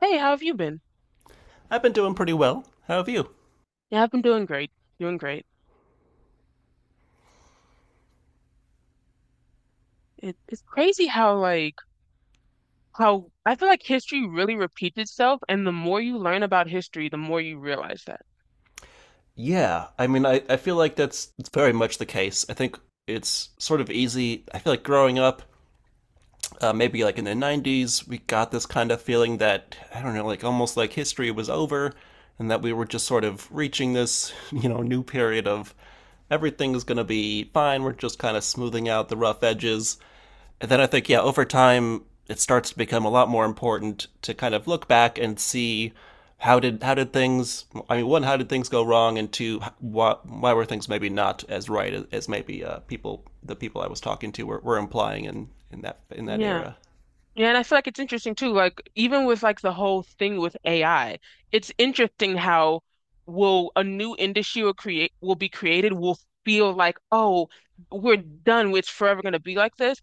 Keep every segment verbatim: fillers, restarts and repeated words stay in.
Hey, how have you been? I've been doing pretty well. How have you? Yeah, I've been doing great. Doing great. It, it's crazy how like how I feel like history really repeats itself, and the more you learn about history, the more you realize that. Yeah, I mean, I, I feel like that's it's very much the case. I think it's sort of easy. I feel like growing up, uh, maybe like in the nineties, we got this kind of feeling that, I don't know, like almost like history was over and that we were just sort of reaching this, you know, new period of everything's going to be fine. We're just kind of smoothing out the rough edges. And then I think, yeah, over time, it starts to become a lot more important to kind of look back and see how did how did things. I mean, one, how did things go wrong, and two, why, why were things maybe not as right as, as maybe uh, people the people i was talking to were, were implying in in that in that Yeah. era. Yeah, and I feel like it's interesting too. Like even with like the whole thing with A I, it's interesting how will a new industry will create will be created will feel like, oh, we're done. It's forever going to be like this.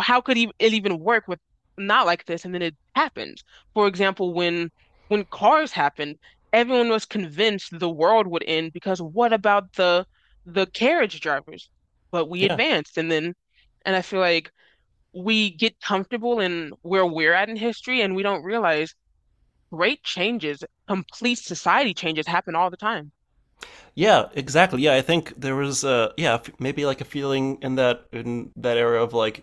How could it even work with not like this? And then it happened. For example, when when Cars happened, everyone was convinced the world would end because what about the the carriage drivers? But we Yeah, advanced, and then, and I feel like we get comfortable in where we're at in history, and we don't realize great changes, complete society changes happen all the time. yeah, exactly. Yeah i think there was a yeah maybe like a feeling in that in that era of like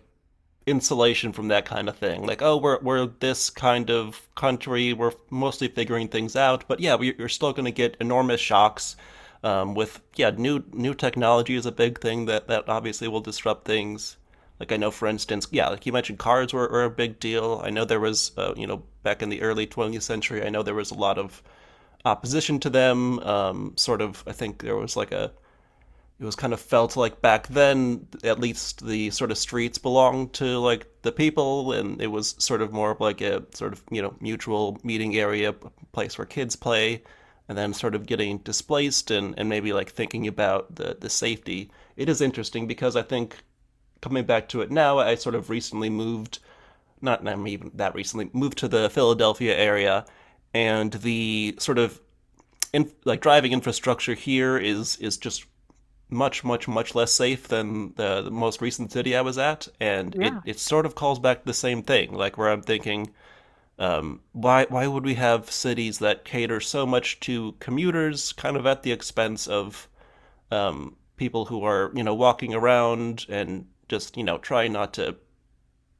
insulation from that kind of thing. Like, oh, we're we're this kind of country. We're mostly figuring things out, but yeah, we, you're still going to get enormous shocks. Um, with yeah, new new technology is a big thing that that obviously will disrupt things. Like I know, for instance, yeah, like you mentioned, cars were, were a big deal. I know there was, uh, you know, back in the early twentieth century, I know there was a lot of opposition to them. Um, sort of, I think there was like a it was kind of felt like back then, at least, the sort of streets belonged to like the people, and it was sort of more of like a sort of, you know, mutual meeting area, place where kids play, and then sort of getting displaced, and, and maybe like thinking about the, the safety. It is interesting because I think coming back to it now, I sort of recently moved, not not even that recently, moved to the Philadelphia area, and the sort of in, like driving infrastructure here is is just much, much, much less safe than the, the most recent city I was at, and it, Yeah. it sort of calls back the same thing, like where I'm thinking, um, why why would we have cities that cater so much to commuters, kind of at the expense of um, people who are, you know, walking around and just, you know, trying not to,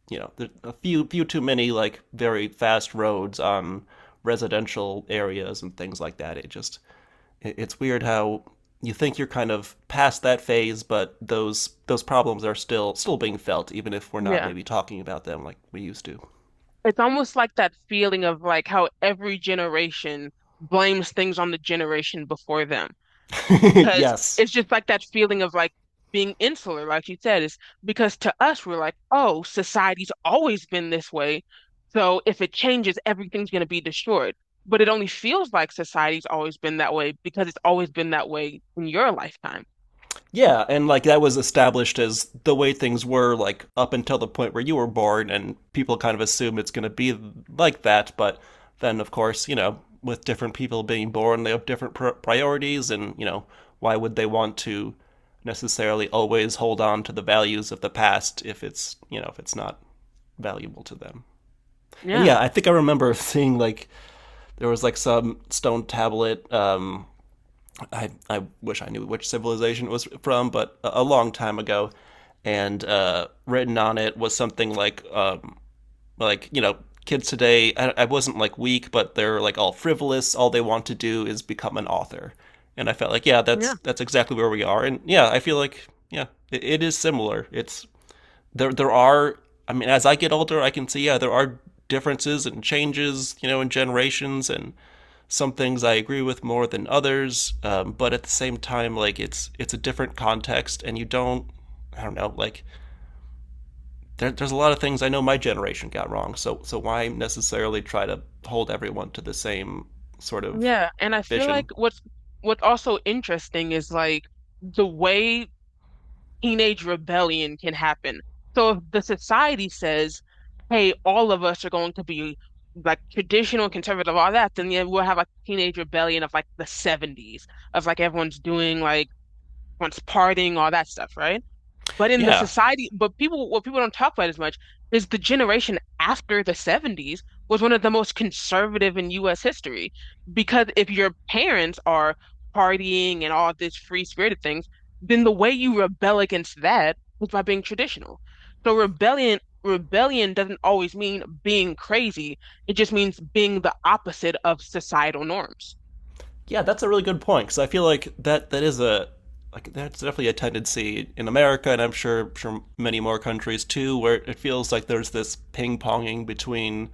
you know, there a few few too many like very fast roads on residential areas and things like that. It just, it's weird how you think you're kind of past that phase, but those those problems are still still being felt, even if we're not Yeah. maybe talking about them like we used to. It's almost like that feeling of like how every generation blames things on the generation before them because Yes. it's just like that feeling of like being insular, like you said, is because to us we're like, oh, society's always been this way, so if it changes, everything's going to be destroyed. But it only feels like society's always been that way because it's always been that way in your lifetime. Yeah, and like that was established as the way things were like up until the point where you were born, and people kind of assume it's going to be like that. But then, of course, you know, with different people being born, they have different pr- priorities, and you know, why would they want to necessarily always hold on to the values of the past if it's you know if it's not valuable to them. And Yeah, yeah, I think I remember seeing like there was like some stone tablet. Um, I I wish I knew which civilization it was from, but a, a long time ago, and uh, written on it was something like um, like you know, kids today. I, I wasn't like weak, but they're like all frivolous. All they want to do is become an author, and I felt like yeah, that's yeah, that's exactly where we are. And yeah, I feel like yeah, it, it is similar. It's there there are, I mean, as I get older, I can see yeah there are differences and changes, you know, in generations, and some things I agree with more than others, um, but at the same time, like it's it's a different context, and you don't, I don't know, like there, there's a lot of things I know my generation got wrong, so so why necessarily try to hold everyone to the same sort of yeah. And I feel like vision. what's what's also interesting is like the way teenage rebellion can happen. So if the society says, hey, all of us are going to be like traditional conservative, all that, then yeah, we'll have like teenage rebellion of like the seventies, of like everyone's doing like once partying, all that stuff, right? But in the Yeah. society, but people, what people don't talk about as much is the generation after the seventies was one of the most conservative in U S history. Because if your parents are partying and all this free spirited things, then the way you rebel against that was by being traditional. So rebellion, rebellion doesn't always mean being crazy. It just means being the opposite of societal norms. Yeah, that's a really good point because I feel like that that is a, like that's definitely a tendency in America, and I'm sure sure many more countries too, where it feels like there's this ping ponging between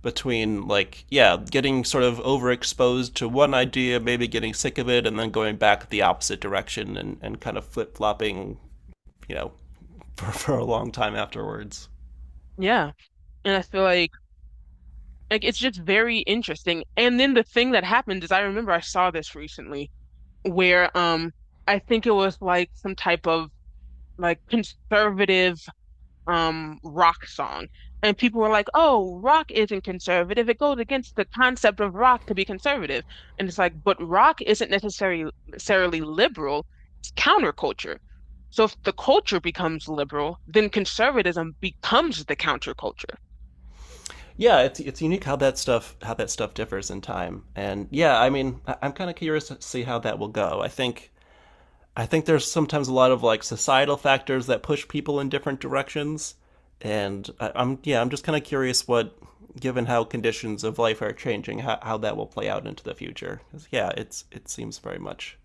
between like yeah, getting sort of overexposed to one idea, maybe getting sick of it, and then going back the opposite direction and and kind of flip flopping, you know, for for a long time afterwards. Yeah. And I feel like Like it's just very interesting. And then the thing that happened is I remember I saw this recently where um I think it was like some type of like conservative um rock song. And people were like, "Oh, rock isn't conservative. It goes against the concept of rock to be conservative." And it's like, "But rock isn't necessarily necessarily liberal. It's counterculture." So if the culture becomes liberal, then conservatism becomes the counterculture. Yeah, it's it's unique how that stuff how that stuff differs in time, and yeah, I mean, I- I'm kind of curious to see how that will go. I think I think there's sometimes a lot of like societal factors that push people in different directions, and I, I'm yeah, I'm just kind of curious what, given how conditions of life are changing, how, how that will play out into the future. 'Cause, yeah, it's it seems very much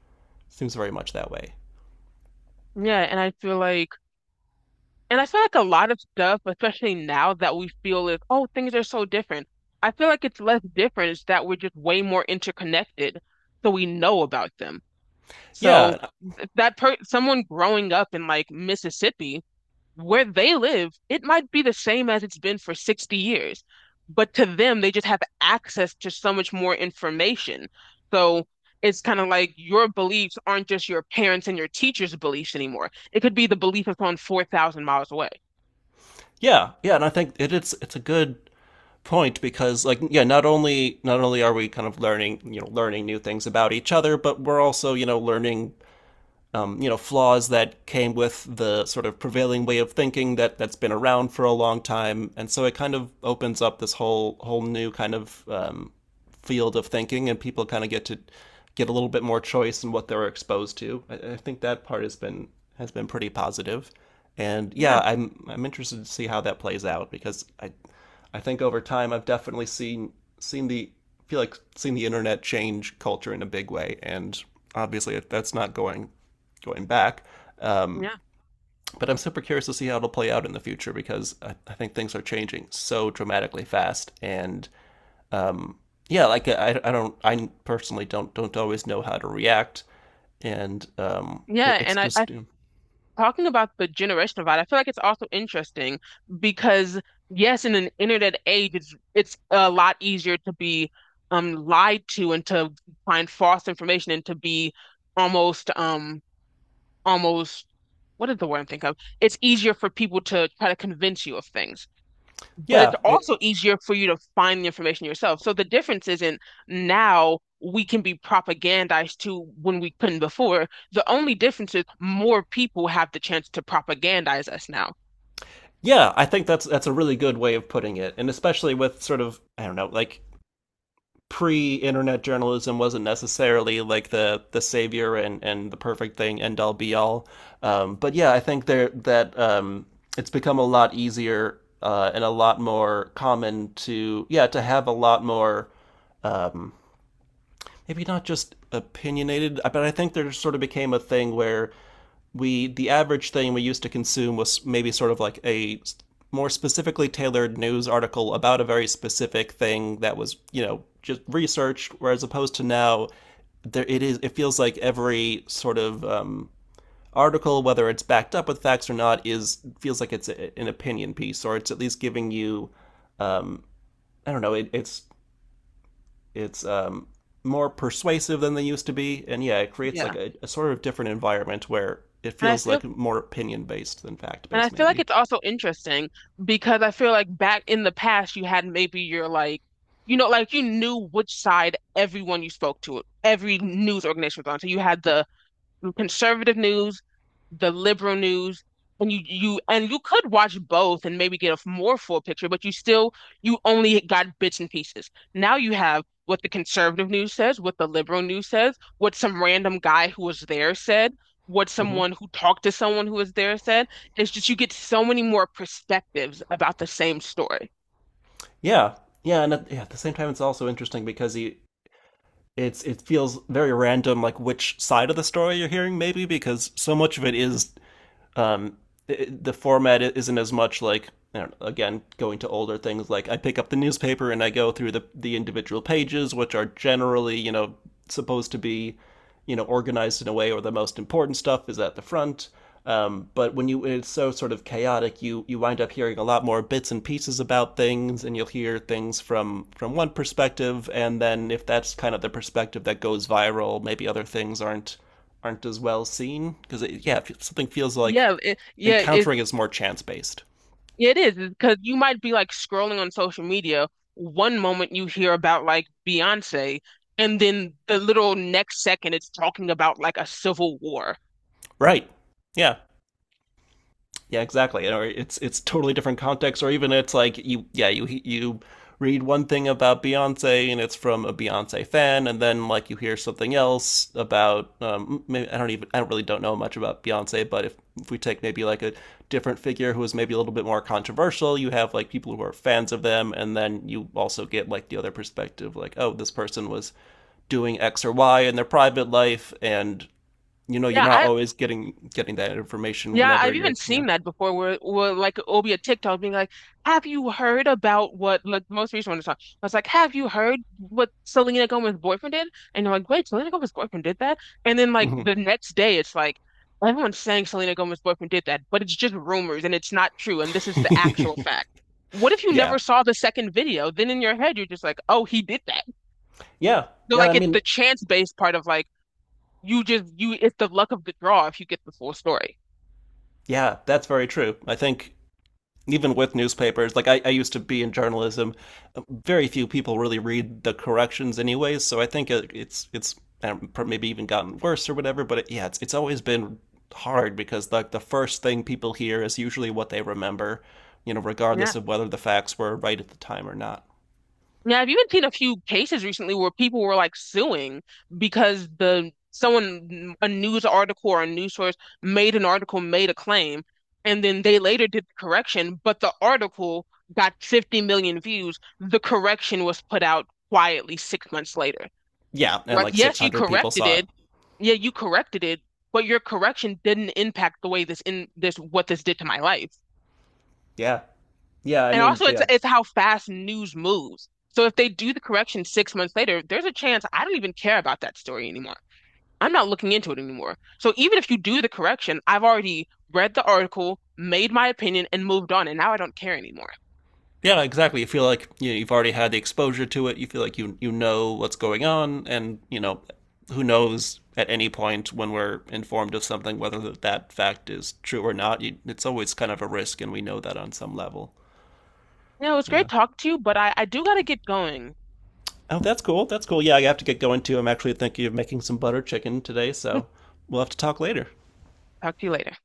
seems very much that way. Yeah, and I feel like And I feel like a lot of stuff, especially now that we feel is, oh, things are so different. I feel like it's less different. It's that we're just way more interconnected, so we know about them. So Yeah, th- that per someone growing up in like Mississippi, where they live, it might be the same as it's been for sixty years, but to them, they just have access to so much more information. So it's kind of like your beliefs aren't just your parents and your teachers' beliefs anymore. It could be the belief of someone four thousand miles away. yeah, yeah, and I think it, it's it's a good point because like yeah, not only not only are we kind of learning, you know, learning new things about each other, but we're also, you know, learning um, you know, flaws that came with the sort of prevailing way of thinking that that's been around for a long time, and so it kind of opens up this whole whole new kind of um, field of thinking, and people kind of get to get a little bit more choice in what they're exposed to. I, I think that part has been has been pretty positive, and yeah, Yeah, I'm I'm interested to see how that plays out because I I think over time I've definitely seen seen the feel like seen the internet change culture in a big way, and obviously that's not going going back. Um, yeah, but I'm super curious to see how it'll play out in the future because I, I think things are changing so dramatically fast, and um, yeah, like I, I don't, I personally don't don't always know how to react, and um, it, yeah. it's And I, I just Talking about the generational divide, I feel like it's also interesting because yes, in an internet age, it's it's a lot easier to be um lied to and to find false information and to be almost um almost what is the word I'm thinking of? It's easier for people to try to convince you of things. But it's yeah, it, also easier for you to find the information yourself. So the difference isn't now we can be propagandized to when we couldn't before. The only difference is more people have the chance to propagandize us now. yeah. I think that's that's a really good way of putting it, and especially with sort of I don't know, like pre-internet journalism wasn't necessarily like the the savior and and the perfect thing, end all be all, um, but yeah, I think there that um, it's become a lot easier, uh, and a lot more common to yeah to have a lot more uh, maybe not just opinionated, uh, but I think there sort of became a thing where we the average thing we used to consume was maybe sort of like a more specifically tailored news article about a very specific thing that was, you know, just researched, whereas opposed to now there it is it feels like every sort of um article, whether it's backed up with facts or not, is feels like it's a, an opinion piece, or it's at least giving you um I don't know, it, it's it's um, more persuasive than they used to be, and yeah, it creates like Yeah. a, a sort of different environment where it And I feels feel like more opinion based than fact and I based, feel like maybe. it's also interesting because I feel like back in the past you had maybe your like you know like you knew which side everyone you spoke to, every news organization was on. So you had the conservative news, the liberal news, and you you and you could watch both and maybe get a more full picture, but you still you only got bits and pieces. Now you have what the conservative news says, what the liberal news says, what some random guy who was there said, what Hmm. someone who talked to someone who was there said. It's just you get so many more perspectives about the same story. Yeah, yeah, and at, yeah, at the same time, it's also interesting because he. It's it feels very random, like which side of the story you're hearing, maybe because so much of it is um, it, the format isn't as much like, I don't know, again going to older things, like I pick up the newspaper and I go through the the individual pages, which are generally, you know, supposed to be, you know, organized in a way where the most important stuff is at the front. Um, but when you, it's so sort of chaotic, you you wind up hearing a lot more bits and pieces about things, and you'll hear things from from one perspective, and then if that's kind of the perspective that goes viral, maybe other things aren't aren't as well seen because yeah, something feels like Yeah, it, yeah, it, encountering is more chance based, Yeah, It is because you might be like scrolling on social media. One moment you hear about like Beyonce, and then the little next second it's talking about like a civil war. right? Yeah, yeah, exactly. Or it's it's totally different context, or even it's like you yeah you you read one thing about Beyonce, and it's from a Beyonce fan, and then like you hear something else about um, maybe I don't even I don't really don't know much about Beyonce, but if, if we take maybe like a different figure who is maybe a little bit more controversial, you have like people who are fans of them, and then you also get like the other perspective, like oh this person was doing X or Y in their private life, and you know you're Yeah, not I, always getting getting that information Yeah, whenever I've even you're yeah. seen that before where, where like it'll be a TikTok being like, have you heard about what like the most recent one is on? I was like, have you heard what Selena Gomez's boyfriend did? And you're like, wait, Selena Gomez's boyfriend did that? And then like Mhm. the next day it's like everyone's saying Selena Gomez's boyfriend did that, but it's just rumors and it's not true and this is the actual fact. What if you never Yeah. saw the second video? Then in your head you're just like, oh, he did that. Yeah. So Yeah. like I it, mean, the chance-based part of like you just you it's the luck of the draw if you get the full story. yeah, that's very true. I think even with newspapers, like I, I used to be in journalism, very few people really read the corrections anyways. So I think it, it's, it's um, maybe even gotten worse or whatever. But it, yeah, it's, it's always been hard because like the the first thing people hear is usually what they remember, you know, Yeah. regardless of whether the facts were right at the time or not. Yeah, I've even seen a few cases recently where people were like suing because the someone mm, a news article or a news source made an article, made a claim, and then they later did the correction, but the article got fifty million views. The correction was put out quietly six months later. Yeah. And Like, like yes, you six hundred people corrected saw it. it. Yeah, you corrected it, but your correction didn't impact the way this in this what this did to my life Yeah. Yeah. I and mean, also it's yeah, it's how fast news moves. So if they do the correction six months later, there's a chance I don't even care about that story anymore. I'm not looking into it anymore. So even if you do the correction, I've already read the article, made my opinion, and moved on, and now I don't care anymore. yeah, exactly. You feel like you know, you've already had the exposure to it. You feel like you you know what's going on, and you know who knows at any point when we're informed of something whether that, that fact is true or not. You, it's always kind of a risk, and we know that on some level. You know, it's great Yeah. talking to you, but I, I do gotta get going. Oh, that's cool. That's cool. Yeah, I have to get going too. I'm actually thinking of making some butter chicken today, so we'll have to talk later. Talk to you later.